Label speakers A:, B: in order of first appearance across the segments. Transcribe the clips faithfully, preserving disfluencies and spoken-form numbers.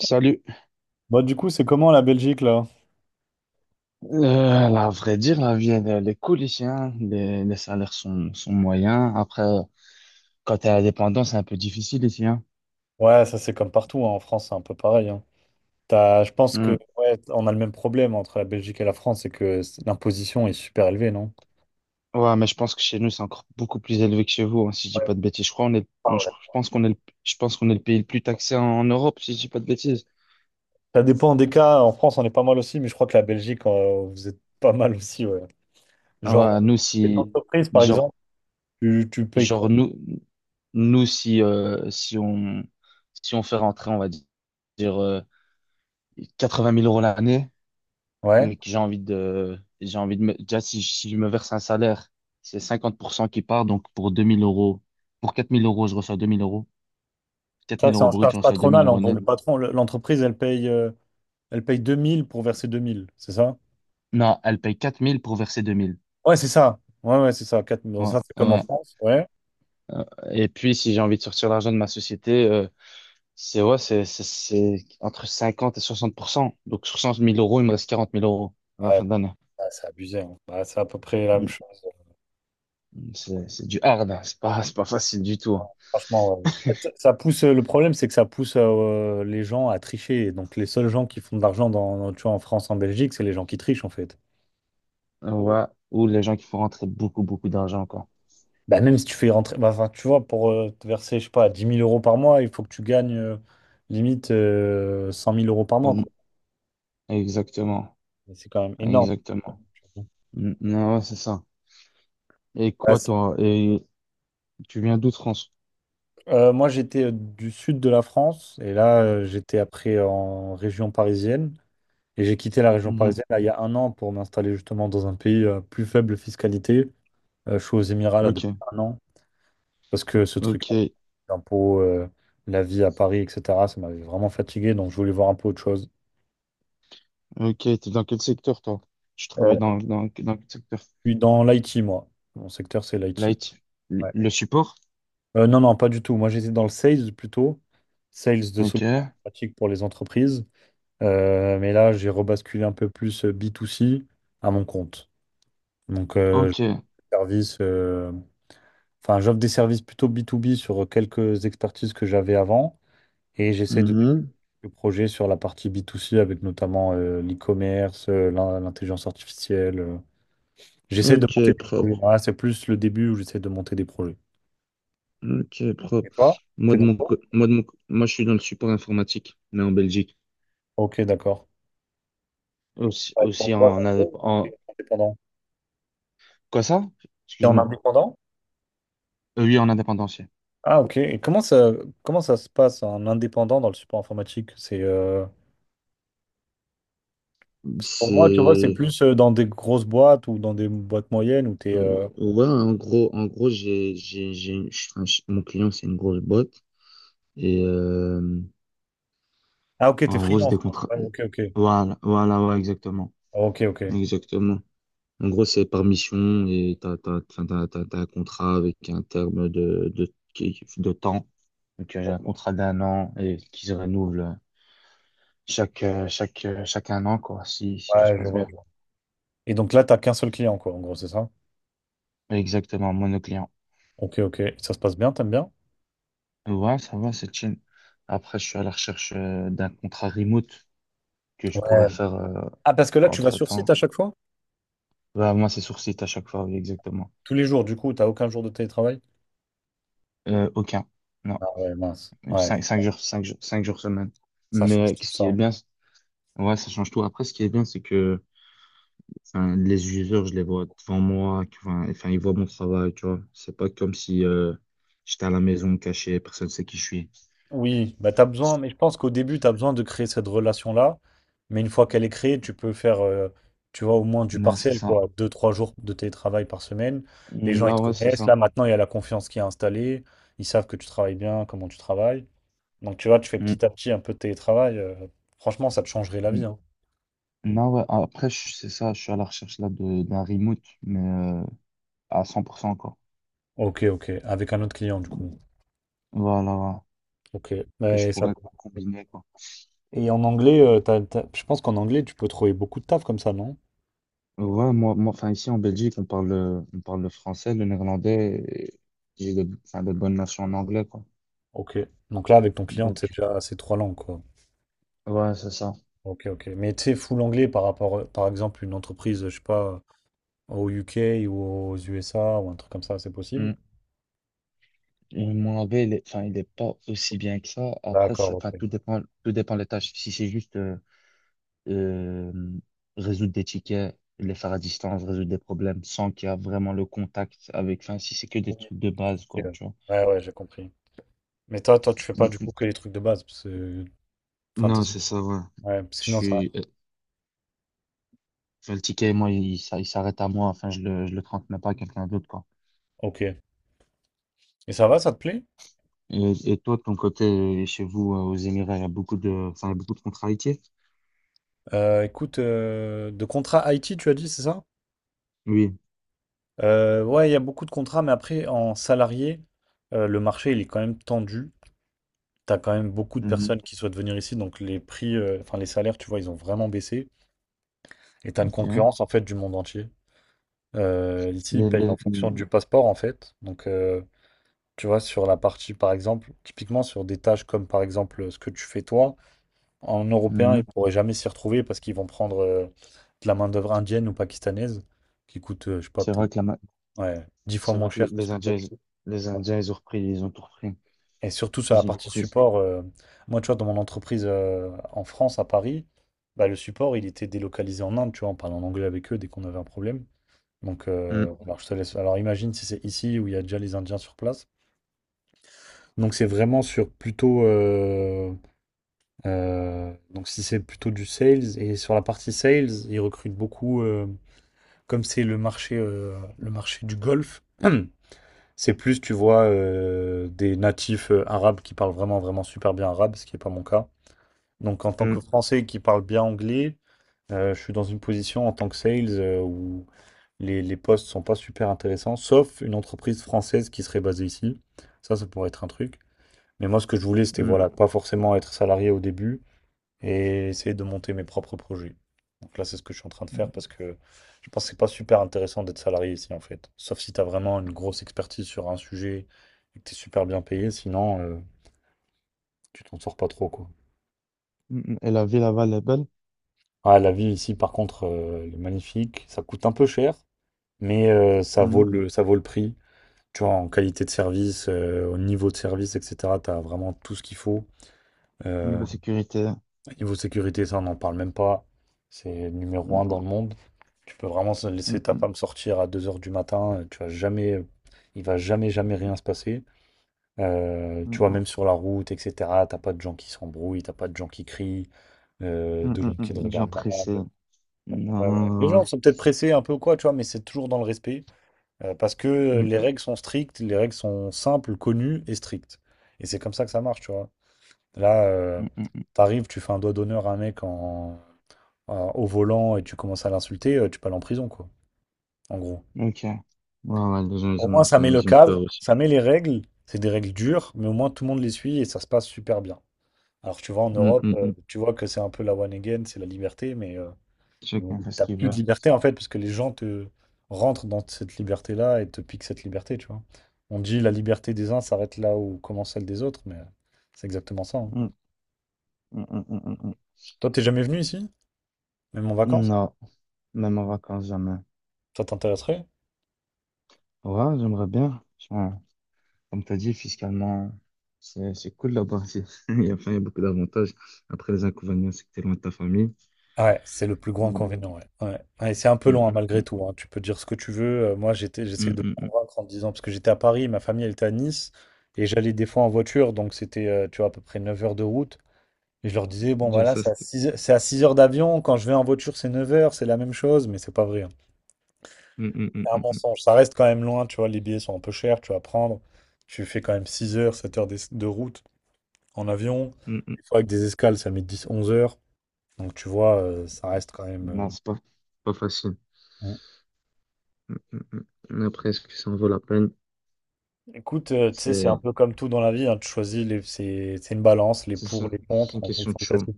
A: Salut.
B: Bah, du coup, c'est comment la Belgique là?
A: Euh, la vrai dire, la vie, elle, elle est cool ici, hein. Les, les salaires sont, sont moyens. Après, quand t'es indépendant, c'est un peu difficile ici, hein.
B: Ouais, ça c'est comme partout hein, en France, c'est un peu pareil, hein. T'as- je pense que
A: Hmm.
B: ouais, on a le même problème entre la Belgique et la France, c'est que c- l'imposition est super élevée, non?
A: Ouais, mais je pense que chez nous, c'est encore beaucoup plus élevé que chez vous, hein, si je dis
B: Ouais.
A: pas de bêtises. Je crois, on est,
B: Ah
A: on- je
B: ouais.
A: je pense qu'on est, le- je pense qu'on est le pays le plus taxé en, en Europe, si je dis pas de bêtises.
B: Ça dépend des cas. En France, on est pas mal aussi, mais je crois que la Belgique, euh, vous êtes pas mal aussi, ouais.
A: Ah
B: Genre,
A: ouais, nous,
B: les
A: si,
B: entreprises, par
A: genre,
B: exemple, tu, tu payes quoi?
A: genre, nous, nous, si, euh, si on, si on fait rentrer, on va dire, euh, quatre-vingt mille euros l'année,
B: Ouais.
A: mais que j'ai envie de, j'ai envie de me, déjà, si, si je me verse un salaire, c'est cinquante pour cent qui part, donc pour deux mille euros, pour quatre mille euros, je reçois deux mille euros, quatre
B: Ça,
A: mille
B: c'est
A: euros
B: en
A: brut,
B: charge
A: je reçois deux mille
B: patronale, en
A: euros
B: gros. Le
A: net.
B: patron, le- l'entreprise, elle paye, euh, elle paye deux mille pour verser deux mille, c'est ça?
A: Non, elle paye quatre mille pour verser deux mille.
B: Ouais, c'est ça. Ouais, ouais, c'est ça. quatre mille. Donc
A: Ouais,
B: ça, c'est comme en
A: ouais.
B: France, ouais.
A: Euh, Et puis, si j'ai envie de sortir l'argent de ma société, euh, c'est, ouais, c'est, c'est, c'est entre cinquante et soixante pour cent. Donc, sur cent mille euros, il me reste quarante mille euros à la fin de l'année.
B: Ah, c'est abusé, hein. Bah, c'est à peu près la même
A: Mm,
B: chose.
A: mm. C'est, c'est du hard, hein, c'est pas, c'est pas facile du tout, hein.
B: Franchement, ouais. En fait, ça pousse, euh, le problème, c'est que ça pousse euh, les gens à tricher. Et donc, les seuls gens qui font de l'argent dans, dans- tu vois, en France, en Belgique, c'est les gens qui trichent, en fait.
A: Ouais. Ou les gens qui font rentrer beaucoup, beaucoup d'argent, quoi.
B: Bah, même si tu fais rentrer, bah, enfin, tu vois, pour euh, te verser, je sais pas, dix mille euros par mois, il faut que tu gagnes euh, limite euh, cent mille euros par mois,
A: Au,
B: quoi.
A: exactement,
B: Et c'est quand même énorme.
A: exactement. Mm. Non, ouais, c'est ça. Et
B: Bah,
A: quoi,
B: c'est-
A: toi? Et tu viens d'où, de France?
B: euh, Moi, j'étais euh, du sud de la France et là, euh, j'étais après en région parisienne. Et j'ai quitté la région
A: Mhm.
B: parisienne là, il y a un an pour m'installer justement dans un pays euh, plus faible fiscalité. Euh, je suis aux Émirats là depuis
A: Ok,
B: un an parce que ce truc-là,
A: ok,
B: les impôts, euh, la vie à Paris, et cetera, ça m'avait vraiment fatigué donc je voulais voir un peu autre chose.
A: ok. T'es dans quel secteur, toi? Tu
B: Euh,
A: travailles dans, dans, dans quel secteur?
B: je suis dans l'I T, moi. Mon secteur, c'est l'I T.
A: Light. Le,
B: Ouais.
A: le support?
B: Euh, non, non, pas du tout. Moi, j'étais dans le sales plutôt, sales de
A: Ok,
B: solutions pratiques pour les entreprises. Euh, mais là, j'ai rebasculé un peu plus euh, B to C à mon compte. Donc, euh,
A: ok.
B: service. Euh, Enfin, j'offre des services plutôt b to b sur quelques expertises que j'avais avant et j'essaie de développer
A: Mhm.
B: le projet sur la partie b to c avec notamment euh, l'e-commerce, euh, l'in- l'intelligence artificielle. euh. J'essaie de
A: Ok,
B: monter des projets.
A: propre.
B: Voilà, c'est plus le début où j'essaie de monter des projets.
A: Ok,
B: Et
A: propre.
B: toi,
A: Moi,
B: t'es
A: de mon,
B: d'accord?
A: co- moi, de mon, co- moi, je suis dans le support informatique, mais en Belgique.
B: Ok, d'accord.
A: Aussi,
B: Ouais, pour une
A: aussi
B: boîte,
A: en,
B: en
A: indép-
B: gros, t'es
A: en,
B: indépendant.
A: quoi ça?
B: T'es en
A: Excuse-moi.
B: indépendant?
A: Euh, Oui, en indépendanciel.
B: Ah, ok. Et comment ça, comment ça se passe, un indépendant dans le support informatique? C'est, euh, parce que pour moi, tu vois, c'est
A: C'est
B: plus euh, dans des grosses boîtes ou dans des boîtes moyennes où tu
A: Euh,
B: es.
A: Ouais, en gros, en gros, j'ai, j'ai, j'ai, une- je- enfin, je- mon client, c'est une grosse boîte. Et euh,
B: Ah, ok, t'es
A: en gros, c'est
B: freelance,
A: des
B: quoi.
A: contrats.
B: Ouais, ok, ok.
A: Voilà, voilà, ouais, exactement.
B: Ah, ok, ok.
A: Exactement. En gros, c'est par mission et t'as, t'as, enfin, t'as, t'as, t'as un contrat avec un terme de, de, qui- de temps. Donc, euh, j'ai un contrat d'un an et qui se renouvelle chaque, euh, chaque, euh, chaque un an, quoi, si, si tout se
B: Ouais, je
A: passe
B: vois,
A: bien.
B: je vois. Et donc là, t'as qu'un seul client, quoi, en gros, c'est ça?
A: Exactement, monoclient.
B: Ok, ok. Ça se passe bien, t'aimes bien?
A: Ouais, ça va, c'est chill. Après, je suis à la recherche euh, d'un contrat remote que je pourrais
B: Ouais.
A: faire euh,
B: Ah, parce que là, tu vas sur site
A: entre-temps.
B: à chaque fois?
A: Bah, moi, c'est sur site à chaque fois, oui, exactement.
B: Tous les jours, du coup, t'as aucun jour de télétravail?
A: Euh, aucun. Non.
B: Ah ouais, mince. Ouais,
A: Cinq, cinq jours, cinq jours, cinq jours semaine.
B: ça
A: Mais
B: change
A: euh,
B: tout
A: ce qui est
B: ça.
A: bien, c'est- ouais, ça change tout. Après, ce qui est bien, c'est que enfin, les users, je les vois devant moi, que- enfin, enfin, ils voient mon travail, tu vois. C'est pas comme si euh, j'étais à la maison caché, personne sait qui je suis.
B: Oui, bah t'as besoin, mais je pense qu'au début, t'as besoin de créer cette relation-là. Mais une fois qu'elle est créée, tu peux faire, euh, tu vois, au moins du
A: Non, c'est
B: partiel,
A: ça.
B: quoi. Deux, trois jours de télétravail par semaine. Les gens, ils te
A: Non, ouais, c'est
B: connaissent. Là,
A: ça.
B: maintenant, il y a la confiance qui est installée. Ils savent que tu travailles bien, comment tu travailles. Donc tu vois, tu fais
A: Mm,
B: petit à petit un peu de télétravail. Euh, franchement, ça te changerait la vie,
A: mm.
B: hein.
A: Non, ouais, après, je- c'est ça, je suis à la recherche là de d'un remote, mais euh, à cent encore.
B: Ok, ok. Avec un autre client, du coup.
A: Voilà, ouais.
B: Ok.
A: Que je
B: Mais ça...
A: pourrais combiner, quoi.
B: Et en anglais, euh, t'as- t'as- je pense qu'en anglais, tu peux trouver beaucoup de taf comme ça, non?
A: Ouais, moi, moi, enfin, ici en Belgique, on parle, le- on parle le français, le néerlandais, et j'ai de, enfin, de bonnes notions en anglais, quoi.
B: Ok. Donc là, avec ton client, c'est
A: Donc,
B: déjà ces trois langues, quoi.
A: ouais, c'est ça.
B: Ok, ok. Mais tu sais, full anglais par rapport, euh, par exemple, une entreprise, je sais pas, au U K ou aux U S A ou un truc comme ça, c'est possible?
A: Mm. Et mon anglais, il est, enfin, il est pas aussi bien que ça. Après,
B: D'accord,
A: ça- enfin,
B: ok.
A: tout dépend, tout dépend des tâches. Si c'est juste euh, euh, résoudre des tickets, les faire à distance, résoudre des problèmes sans qu'il y a vraiment le contact avec, enfin, si c'est que des trucs de base,
B: Ok,
A: quoi,
B: ouais,
A: tu vois.
B: ouais, ouais, j'ai compris. Mais toi, toi, tu fais pas
A: Mm,
B: du
A: mm.
B: coup que les trucs de base, parce que... Enfin,
A: Non,
B: t'essaies-
A: c'est ça, ouais.
B: ouais, parce que
A: Je
B: sinon ça...
A: suis, Je le ticket, moi, il, s'a- il s'arrête à moi. Enfin, je le, je le transmets pas à quelqu'un d'autre, quoi.
B: Ok. Et ça va, ça te plaît?
A: Et, et toi, de ton côté, euh, chez vous, euh, aux Émirats, il y a beaucoup de, enfin, il y a beaucoup de contrariétés?
B: Euh, écoute, euh, de contrat I T, tu as dit, c'est ça?
A: Oui.
B: Euh, ouais, il y a beaucoup de contrats, mais après, en salarié, euh, le marché, il est quand même tendu. T'as quand même beaucoup de
A: Mhm.
B: personnes qui souhaitent venir ici, donc les prix, euh, enfin les salaires, tu vois, ils ont vraiment baissé. Et t'as une
A: Ok.
B: concurrence, en fait, du monde entier. Euh, ici, ils
A: Les,
B: payent
A: les,
B: en fonction
A: les-
B: du passeport, en fait. Donc, euh, tu vois, sur la partie, par exemple, typiquement sur des tâches comme, par exemple, ce que tu fais toi. En européen, ils ne
A: mhm.
B: pourraient jamais s'y retrouver parce qu'ils vont prendre euh, de la main-d'œuvre indienne ou pakistanaise qui coûte, euh, je sais pas,
A: C'est
B: peut-être
A: vrai que la, ma-
B: ouais, dix fois
A: c'est
B: moins
A: vrai que les,
B: cher que ce
A: les
B: que toi,
A: Indiens,
B: tu
A: ils-
B: sais.
A: les Indiens, ils ont repris, ils ont tout repris.
B: Et surtout sur la
A: Ils ont
B: partie
A: repris.
B: support, euh, moi, tu vois, dans mon entreprise euh, en France, à Paris, bah, le support, il était délocalisé en Inde, tu vois, on parlait en anglais avec eux dès qu'on avait un problème. Donc,
A: Mhm.
B: euh, alors, je te laisse. Alors, imagine si c'est ici où il y a déjà les Indiens sur place. Donc, c'est vraiment sur plutôt. Euh, Euh, donc si c'est plutôt du sales, et sur la partie sales, ils recrutent beaucoup, euh, comme c'est le marché, euh, le marché du golf, c'est plus, tu vois, euh, des natifs euh, arabes qui parlent vraiment, vraiment super bien arabe, ce qui n'est pas mon cas. Donc en tant que Français qui parle bien anglais, euh, je suis dans une position en tant que sales euh, où les, les postes sont pas super intéressants, sauf une entreprise française qui serait basée ici. Ça, ça pourrait être un truc. Mais moi, ce que je voulais, c'était voilà, pas forcément être salarié au début, et essayer de monter mes propres projets. Donc là, c'est ce que je suis en train de faire parce que je pense que c'est pas super intéressant d'être salarié ici en fait. Sauf si tu as vraiment une grosse expertise sur un sujet et que tu es super bien payé, sinon euh, tu t'en sors pas trop quoi.
A: Mhm. Et la ville là-bas, elle est belle.
B: Ah, la vie ici par contre, euh, elle est magnifique. Ça coûte un peu cher, mais euh, ça vaut
A: Mhm.
B: le, ça vaut le prix. Tu vois, en qualité de service, euh, au niveau de service, et cetera, tu as vraiment tout ce qu'il faut. Euh,
A: Niveau sécurité.
B: Niveau sécurité, ça, on n'en parle même pas. C'est numéro
A: Mhm.
B: un dans le monde. Tu peux vraiment se- laisser ta
A: Mhm.
B: femme sortir à deux heures du matin. euh, Tu vas jamais, il va jamais, jamais rien se passer. Euh, tu vois,
A: Mhm.
B: même sur la route, et cetera. T'as pas de gens qui s'embrouillent, t'as pas de gens qui crient, euh, de
A: Mhm.
B: gens
A: Mhm.
B: qui te
A: Des gens
B: regardent
A: pressés.
B: mal. Ouais, ouais. Les
A: Non.
B: gens sont peut-être pressés un peu ou quoi, tu vois, mais c'est toujours dans le respect. Euh, parce que les
A: Mm-hmm.
B: règles sont strictes, les règles sont simples, connues et strictes. Et c'est comme ça que ça marche, tu vois. Là, euh,
A: Mm-hmm.
B: t'arrives, tu fais un doigt d'honneur à un mec en euh, au volant et tu commences à l'insulter, euh, tu peux aller en prison, quoi, en gros.
A: Ok. Ouais, ouais, les gens,
B: Au
A: ils
B: moins,
A: ont,
B: ça
A: enfin,
B: met le
A: ils ont peur
B: cadre,
A: aussi.
B: ça met les règles. C'est des règles dures, mais au moins tout le monde les suit et ça se passe super bien. Alors, tu vois, en
A: Mm,
B: Europe,
A: mm,
B: euh,
A: mm.
B: tu vois que c'est un peu la one again, c'est la liberté, mais euh, bon,
A: Chacun fait ce
B: t'as
A: qu'il
B: plus
A: veut.
B: de liberté en fait, parce que les gens te rentrent dans cette liberté-là et te piquent cette liberté, tu vois. On dit la liberté des uns s'arrête là où commence celle des autres, mais c'est exactement ça, hein.
A: Mm, mm, mm, mm, mm, mm.
B: Toi, t'es jamais venu ici, même en vacances?
A: Non, même en vacances, jamais.
B: Ça t'intéresserait?
A: Ouais, j'aimerais bien. Franchement, comme tu as dit, fiscalement, c'est c'est cool là-bas. Il y a, enfin, il y a beaucoup d'avantages. Après, les inconvénients, c'est que tu es loin de ta famille.
B: Ouais, c'est le plus gros
A: Mm,
B: inconvénient, ouais. Ouais. Ouais, et c'est un peu
A: mm,
B: long, hein, malgré
A: mm,
B: tout, hein. Tu peux dire ce que tu veux. Euh, moi, j'étais,
A: mm,
B: j'essayais de me
A: mm, mm, mm.
B: convaincre en me disant, parce que j'étais à Paris, ma famille, elle était à Nice, et j'allais des fois en voiture, donc c'était, euh, tu vois, à peu près neuf heures de route. Et je leur disais, bon,
A: Déjà,
B: voilà,
A: ça,
B: c'est à
A: c'était.
B: 6, heures c'est à six heures d'avion. Quand je vais en voiture, c'est neuf heures, c'est la même chose, mais c'est pas vrai, hein.
A: Mm, mm,
B: C'est un
A: mm, mm,
B: mensonge. Ça reste quand même loin, tu vois, les billets sont un peu chers, tu vas prendre. Tu fais quand même six heures, sept heures de, de route en avion.
A: mm, mm, mm.
B: Des fois, avec des escales, ça met dix, onze heures. Donc, tu vois, euh, ça reste quand même.
A: Non, c'est pas, pas facile.
B: euh,
A: Mm, mm, mm. Mais après, est-ce que ça en vaut la peine?
B: Écoute, euh, tu sais, c'est un
A: C'est
B: peu comme tout dans la vie, hein, tu choisis, les- c'est c'est une balance, les
A: c'est
B: pour,
A: ça.
B: les
A: C'est
B: contre,
A: une
B: en
A: question
B: fonction
A: de
B: de ta,
A: choix.
B: si-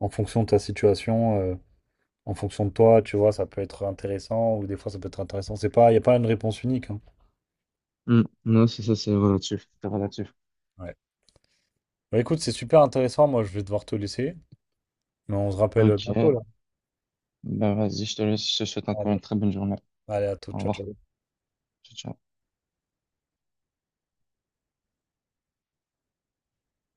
B: en fonction de ta situation, euh, en fonction de toi, tu vois, ça peut être intéressant, ou des fois ça peut être intéressant, c'est pas, il n'y a pas une réponse unique, hein.
A: Mm. Non, c'est ça, c'est relatif. C'est relatif.
B: Ouais. Bah, écoute, c'est super intéressant, moi je vais devoir te laisser, mais on se rappelle bientôt,
A: Ok.
B: là.
A: Ben vas-y, je te laisse, je te souhaite encore
B: Allez,
A: une très bonne journée.
B: allez, à tout,
A: Au
B: ciao,
A: revoir.
B: ciao.
A: Ciao, ciao.